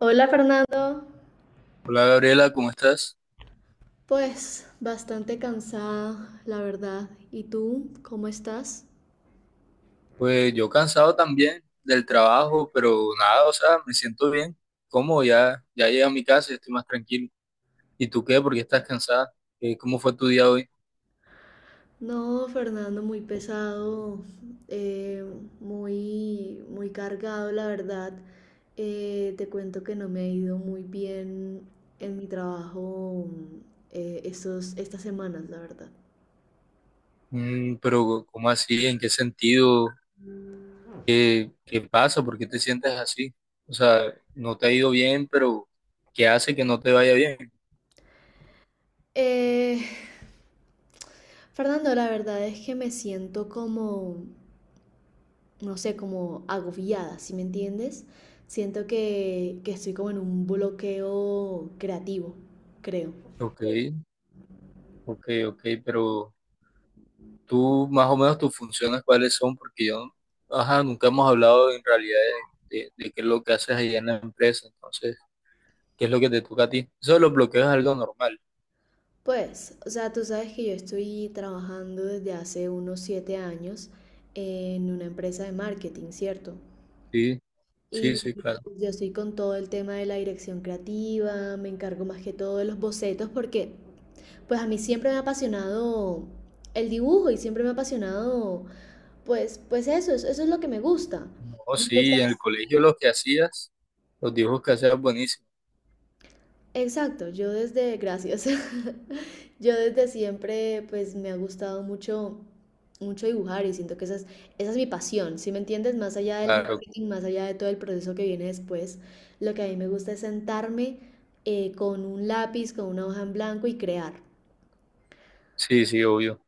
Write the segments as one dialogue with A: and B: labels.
A: Hola, Fernando.
B: Hola Gabriela, ¿cómo estás?
A: Pues bastante cansada, la verdad. ¿Y tú, cómo estás?
B: Pues yo cansado también del trabajo, pero nada, o sea, me siento bien. ¿Cómo? Ya llegué a mi casa y estoy más tranquilo. ¿Y tú qué? ¿Por qué estás cansada? ¿Cómo fue tu día hoy?
A: No, Fernando, muy pesado, eh, muy, muy cargado, la verdad. Te cuento que no me ha ido muy bien en mi trabajo estas semanas, la verdad.
B: Mm, pero ¿cómo así? ¿En qué sentido? ¿Qué pasa? ¿Por qué te sientes así? O sea, no te ha ido bien, pero ¿qué hace que no te vaya bien?
A: Eh, Fernando, la verdad es que me siento como, no sé, como agobiada, ¿sí me entiendes? Siento que estoy como en un bloqueo creativo, creo.
B: Ok, ok, ok, pero tú más o menos tus funciones cuáles son, porque yo, ajá, nunca hemos hablado en realidad de qué es lo que haces allá en la empresa, entonces, ¿qué es lo que te toca a ti? Eso de los bloqueos es algo normal.
A: Pues, o sea, tú sabes que yo estoy trabajando desde hace unos 7 años en una empresa de marketing, ¿cierto?
B: Sí, sí,
A: Y
B: sí, claro.
A: pues yo estoy con todo el tema de la dirección creativa, me encargo más que todo de los bocetos, porque pues a mí siempre me ha apasionado el dibujo y siempre me ha apasionado, pues eso, eso es lo que me gusta.
B: No, sí, en el colegio los dibujos que hacías buenísimo.
A: Exacto, yo desde, gracias, yo desde siempre pues me ha gustado mucho, mucho dibujar, y siento que esa es mi pasión. ¿Sí me entiendes? Más allá del
B: Claro,
A: marketing, más allá de todo el proceso que viene después, lo que a mí me gusta es sentarme, con un lápiz, con una hoja en blanco, y crear.
B: sí, sí, obvio.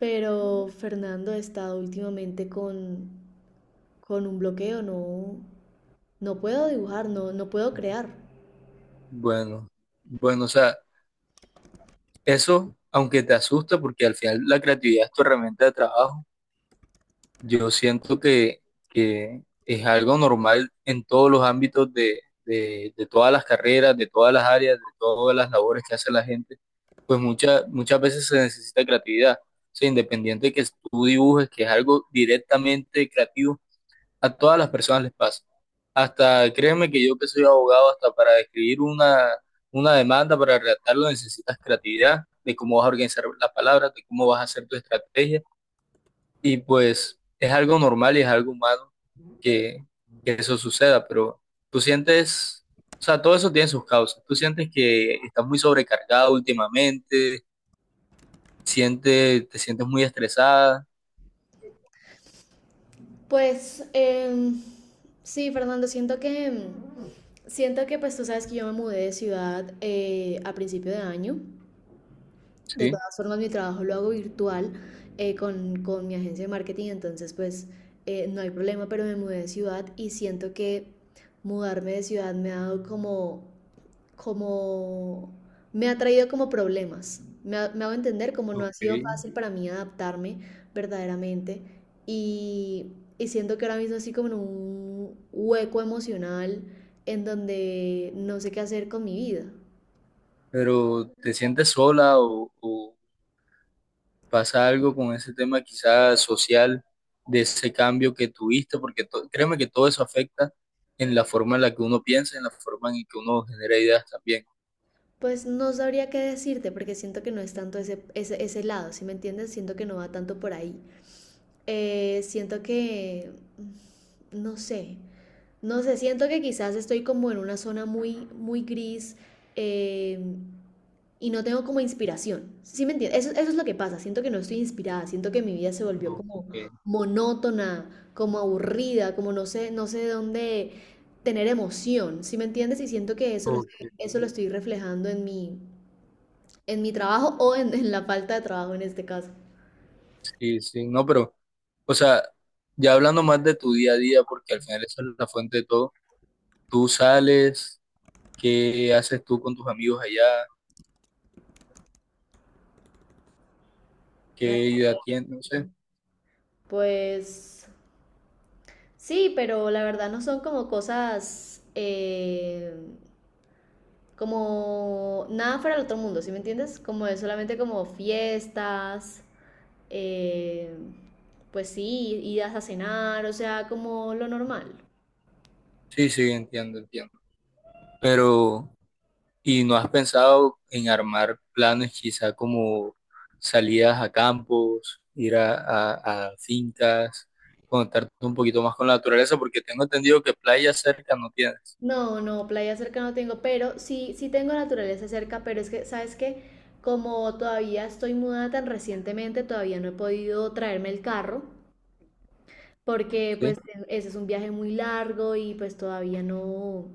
A: Pero, Fernando, he estado últimamente con un bloqueo, no, no puedo dibujar, no, no puedo crear.
B: Bueno, bueno, o sea, eso, aunque te asusta, porque al final la creatividad es tu herramienta de trabajo. Yo siento que es algo normal en todos los ámbitos de todas las carreras, de todas las áreas, de todas las labores que hace la gente, pues muchas muchas veces se necesita creatividad. O sea, independiente de que tú dibujes, que es algo directamente creativo, a todas las personas les pasa. Hasta, créeme que yo que soy abogado, hasta para escribir una demanda, para redactarlo, necesitas creatividad de cómo vas a organizar las palabras, de cómo vas a hacer tu estrategia, y pues es algo normal y es algo humano que, que eso suceda. Pero tú sientes, o sea, todo eso tiene sus causas. Tú sientes que estás muy sobrecargado últimamente, siente te sientes muy estresada,
A: Pues sí, Fernando, siento que siento que pues tú sabes que yo me mudé de ciudad a principio de año. De
B: ¿sí?
A: todas formas, mi trabajo lo hago virtual, con mi agencia de marketing, entonces pues no hay problema, pero me mudé de ciudad y siento que mudarme de ciudad me ha dado como, como me ha traído como problemas. Me hago entender, como no ha
B: Ok.
A: sido fácil para mí adaptarme verdaderamente, y, y siento que ahora mismo así como en un hueco emocional, en donde no sé qué hacer con mi vida.
B: Pero te sientes sola o pasa algo con ese tema quizás social de ese cambio que tuviste, porque to- créeme que todo eso afecta en la forma en la que uno piensa, en la forma en que uno genera ideas también.
A: Pues no sabría qué decirte, porque siento que no es tanto ese lado, ¿si me entiendes? Siento que no va tanto por ahí. Siento que, no sé, no sé, siento que quizás estoy como en una zona muy, muy gris, eh, y no tengo como inspiración. ¿Sí me entiendes? Eso es lo que pasa. Siento que no estoy inspirada. Siento que mi vida se volvió
B: Ok,
A: como monótona, como aburrida, como no sé, no sé de dónde tener emoción. ¿Sí me entiendes? Y siento que
B: ok.
A: eso lo estoy reflejando en mi trabajo, o en la falta de trabajo en este caso.
B: Sí, sí, no, pero, o sea, ya hablando más de tu día a día, porque al final esa es la fuente de todo, tú sales, ¿qué haces tú con tus amigos allá? ¿Qué
A: Ah,
B: idea tienes? No sé.
A: pues sí, pero la verdad no son como cosas, como nada fuera del otro mundo, ¿sí me entiendes? Como es solamente como fiestas, eh, pues sí, idas a cenar, o sea, como lo normal.
B: Sí, sí, entiendo, entiendo. Pero, ¿y no has pensado en armar planes quizá como salidas a campos, ir a fincas, conectarte un poquito más con la naturaleza? Porque tengo entendido que playa cerca no tienes,
A: No, no, playa cerca no tengo, pero sí, sí tengo naturaleza cerca, pero es que, ¿sabes qué? Como todavía estoy mudada tan recientemente, todavía no he podido traerme el carro. Porque
B: ¿sí?
A: pues ese es un viaje muy largo y pues todavía no,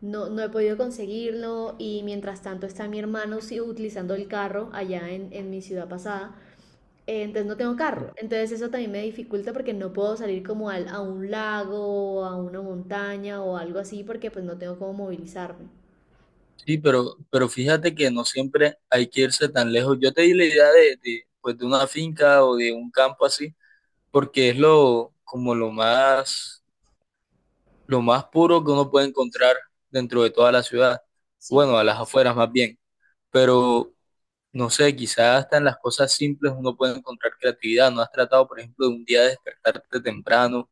A: no, no he podido conseguirlo, y mientras tanto está mi hermano sí, utilizando el carro allá en mi ciudad pasada. Entonces no tengo carro, entonces eso también me dificulta porque no puedo salir como a un lago o a una montaña o algo así, porque pues no tengo cómo movilizarme.
B: Sí, pero fíjate que no siempre hay que irse tan lejos. Yo te di la idea de, pues, de una finca o de un campo así, porque es lo, como lo más puro que uno puede encontrar dentro de toda la ciudad.
A: Sí.
B: Bueno, a las afueras más bien. Pero, no sé, quizás hasta en las cosas simples uno puede encontrar creatividad. ¿No has tratado, por ejemplo, de un día despertarte temprano?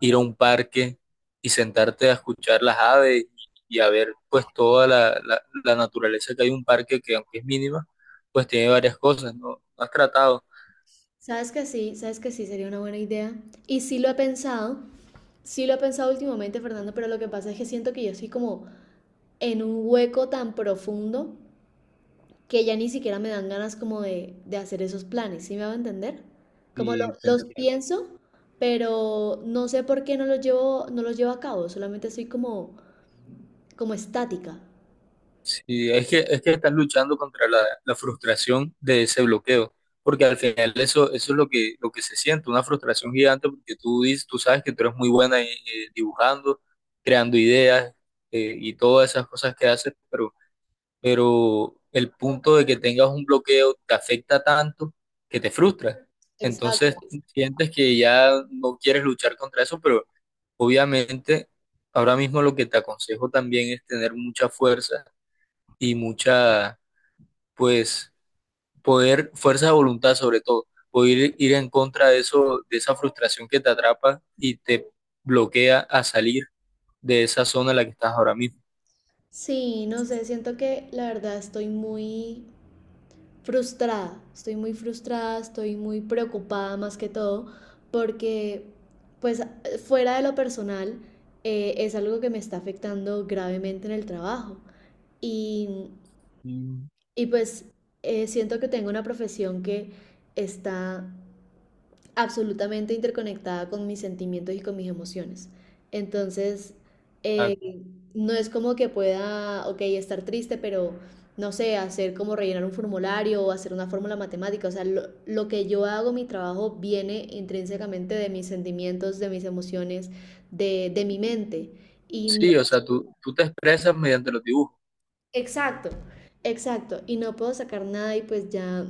B: Ir a un parque y sentarte a escuchar las aves y a ver pues toda la naturaleza que hay en un parque que aunque es mínima, pues tiene varias cosas, ¿no? No has tratado
A: Sabes que sí, sabes que sí sería una buena idea. Y sí lo he pensado, sí lo he pensado últimamente, Fernando, pero lo que pasa es que siento que yo soy como en un hueco tan profundo que ya ni siquiera me dan ganas como de hacer esos planes, ¿sí me va a entender? Como
B: y te
A: los
B: entiendo.
A: pienso, pero no sé por qué no los llevo, no los llevo a cabo, solamente estoy como, como estática.
B: Sí, es que estás luchando contra la frustración de ese bloqueo, porque al final eso, eso es lo que se siente, una frustración gigante porque tú, dices, tú sabes que tú eres muy buena dibujando, creando ideas, y todas esas cosas que haces, pero el punto de que tengas un bloqueo te afecta tanto que te frustra. Entonces
A: Exacto.
B: sientes que ya no quieres luchar contra eso, pero obviamente ahora mismo lo que te aconsejo también es tener mucha fuerza y mucha, pues, poder, fuerza de voluntad sobre todo, poder ir en contra de eso, de esa frustración que te atrapa y te bloquea a salir de esa zona en la que estás ahora mismo.
A: Sí, no sé, siento que la verdad estoy muy frustrada, estoy muy frustrada, estoy muy preocupada más que todo, porque pues fuera de lo personal, es algo que me está afectando gravemente en el trabajo. Y,
B: Mm,
A: y pues siento que tengo una profesión que está absolutamente interconectada con mis sentimientos y con mis emociones. Entonces,
B: ah,
A: eh, no es como que pueda, ok, estar triste, pero no sé, hacer como rellenar un formulario o hacer una fórmula matemática. O sea, lo que yo hago, mi trabajo, viene intrínsecamente de mis sentimientos, de mis emociones, de mi mente. Y no.
B: sí, o sea, tú te expresas mediante los dibujos.
A: Exacto, exacto. Y no puedo sacar nada, y pues ya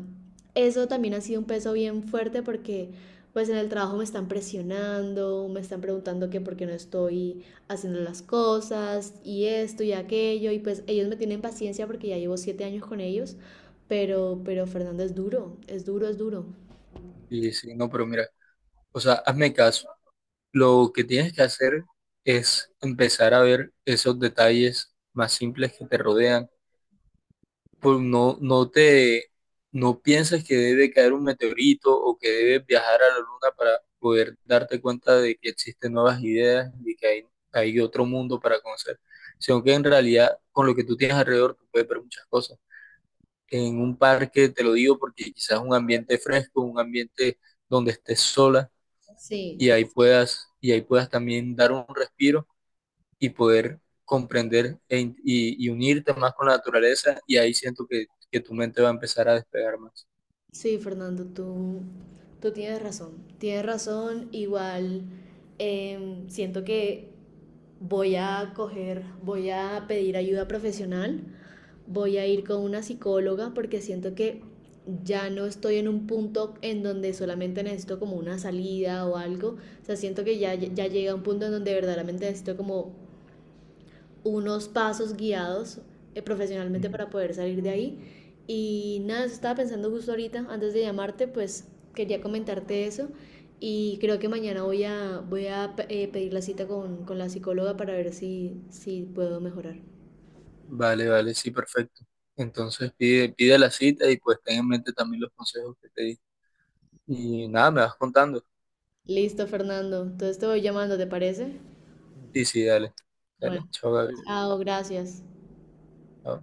A: eso también ha sido un peso bien fuerte, porque pues en el trabajo me están presionando, me están preguntando que por qué no estoy haciendo las cosas y esto y aquello, y pues ellos me tienen paciencia porque ya llevo 7 años con ellos, pero, Fernando, es duro, es duro, es duro.
B: Sí, sí, no, pero mira, o sea, hazme caso. Lo que tienes que hacer es empezar a ver esos detalles más simples que te rodean. Pues no, no te, no pienses que debe caer un meteorito o que debes viajar a la luna para poder darte cuenta de que existen nuevas ideas y que hay otro mundo para conocer, sino que en realidad con lo que tú tienes alrededor tú puedes ver muchas cosas. En un parque, te lo digo porque quizás un ambiente fresco, un ambiente donde estés sola
A: Sí,
B: y ahí puedas también dar un respiro y poder comprender e in- y unirte más con la naturaleza y ahí siento que tu mente va a empezar a despegar más.
A: sí, Fernando, tú tienes razón. Tienes razón, igual siento que voy a coger, voy a pedir ayuda profesional, voy a ir con una psicóloga porque siento que ya no estoy en un punto en donde solamente necesito como una salida o algo. O sea, siento que ya, ya llega un punto en donde verdaderamente necesito como unos pasos guiados, profesionalmente,
B: Ujú.
A: para poder salir de ahí. Y nada, eso estaba pensando justo ahorita, antes de llamarte, pues quería comentarte eso. Y creo que mañana voy a, voy a pedir la cita con la psicóloga, para ver si, si puedo mejorar.
B: Vale, vale, sí, perfecto. Entonces pide, pide la cita y pues ten en mente también los consejos que te di. Y nada, me vas contando.
A: Listo, Fernando. Entonces te voy llamando, ¿te parece?
B: Sí, sí, dale.
A: Bueno,
B: Dale, chao, Gabriel.
A: chao, gracias.
B: Chao.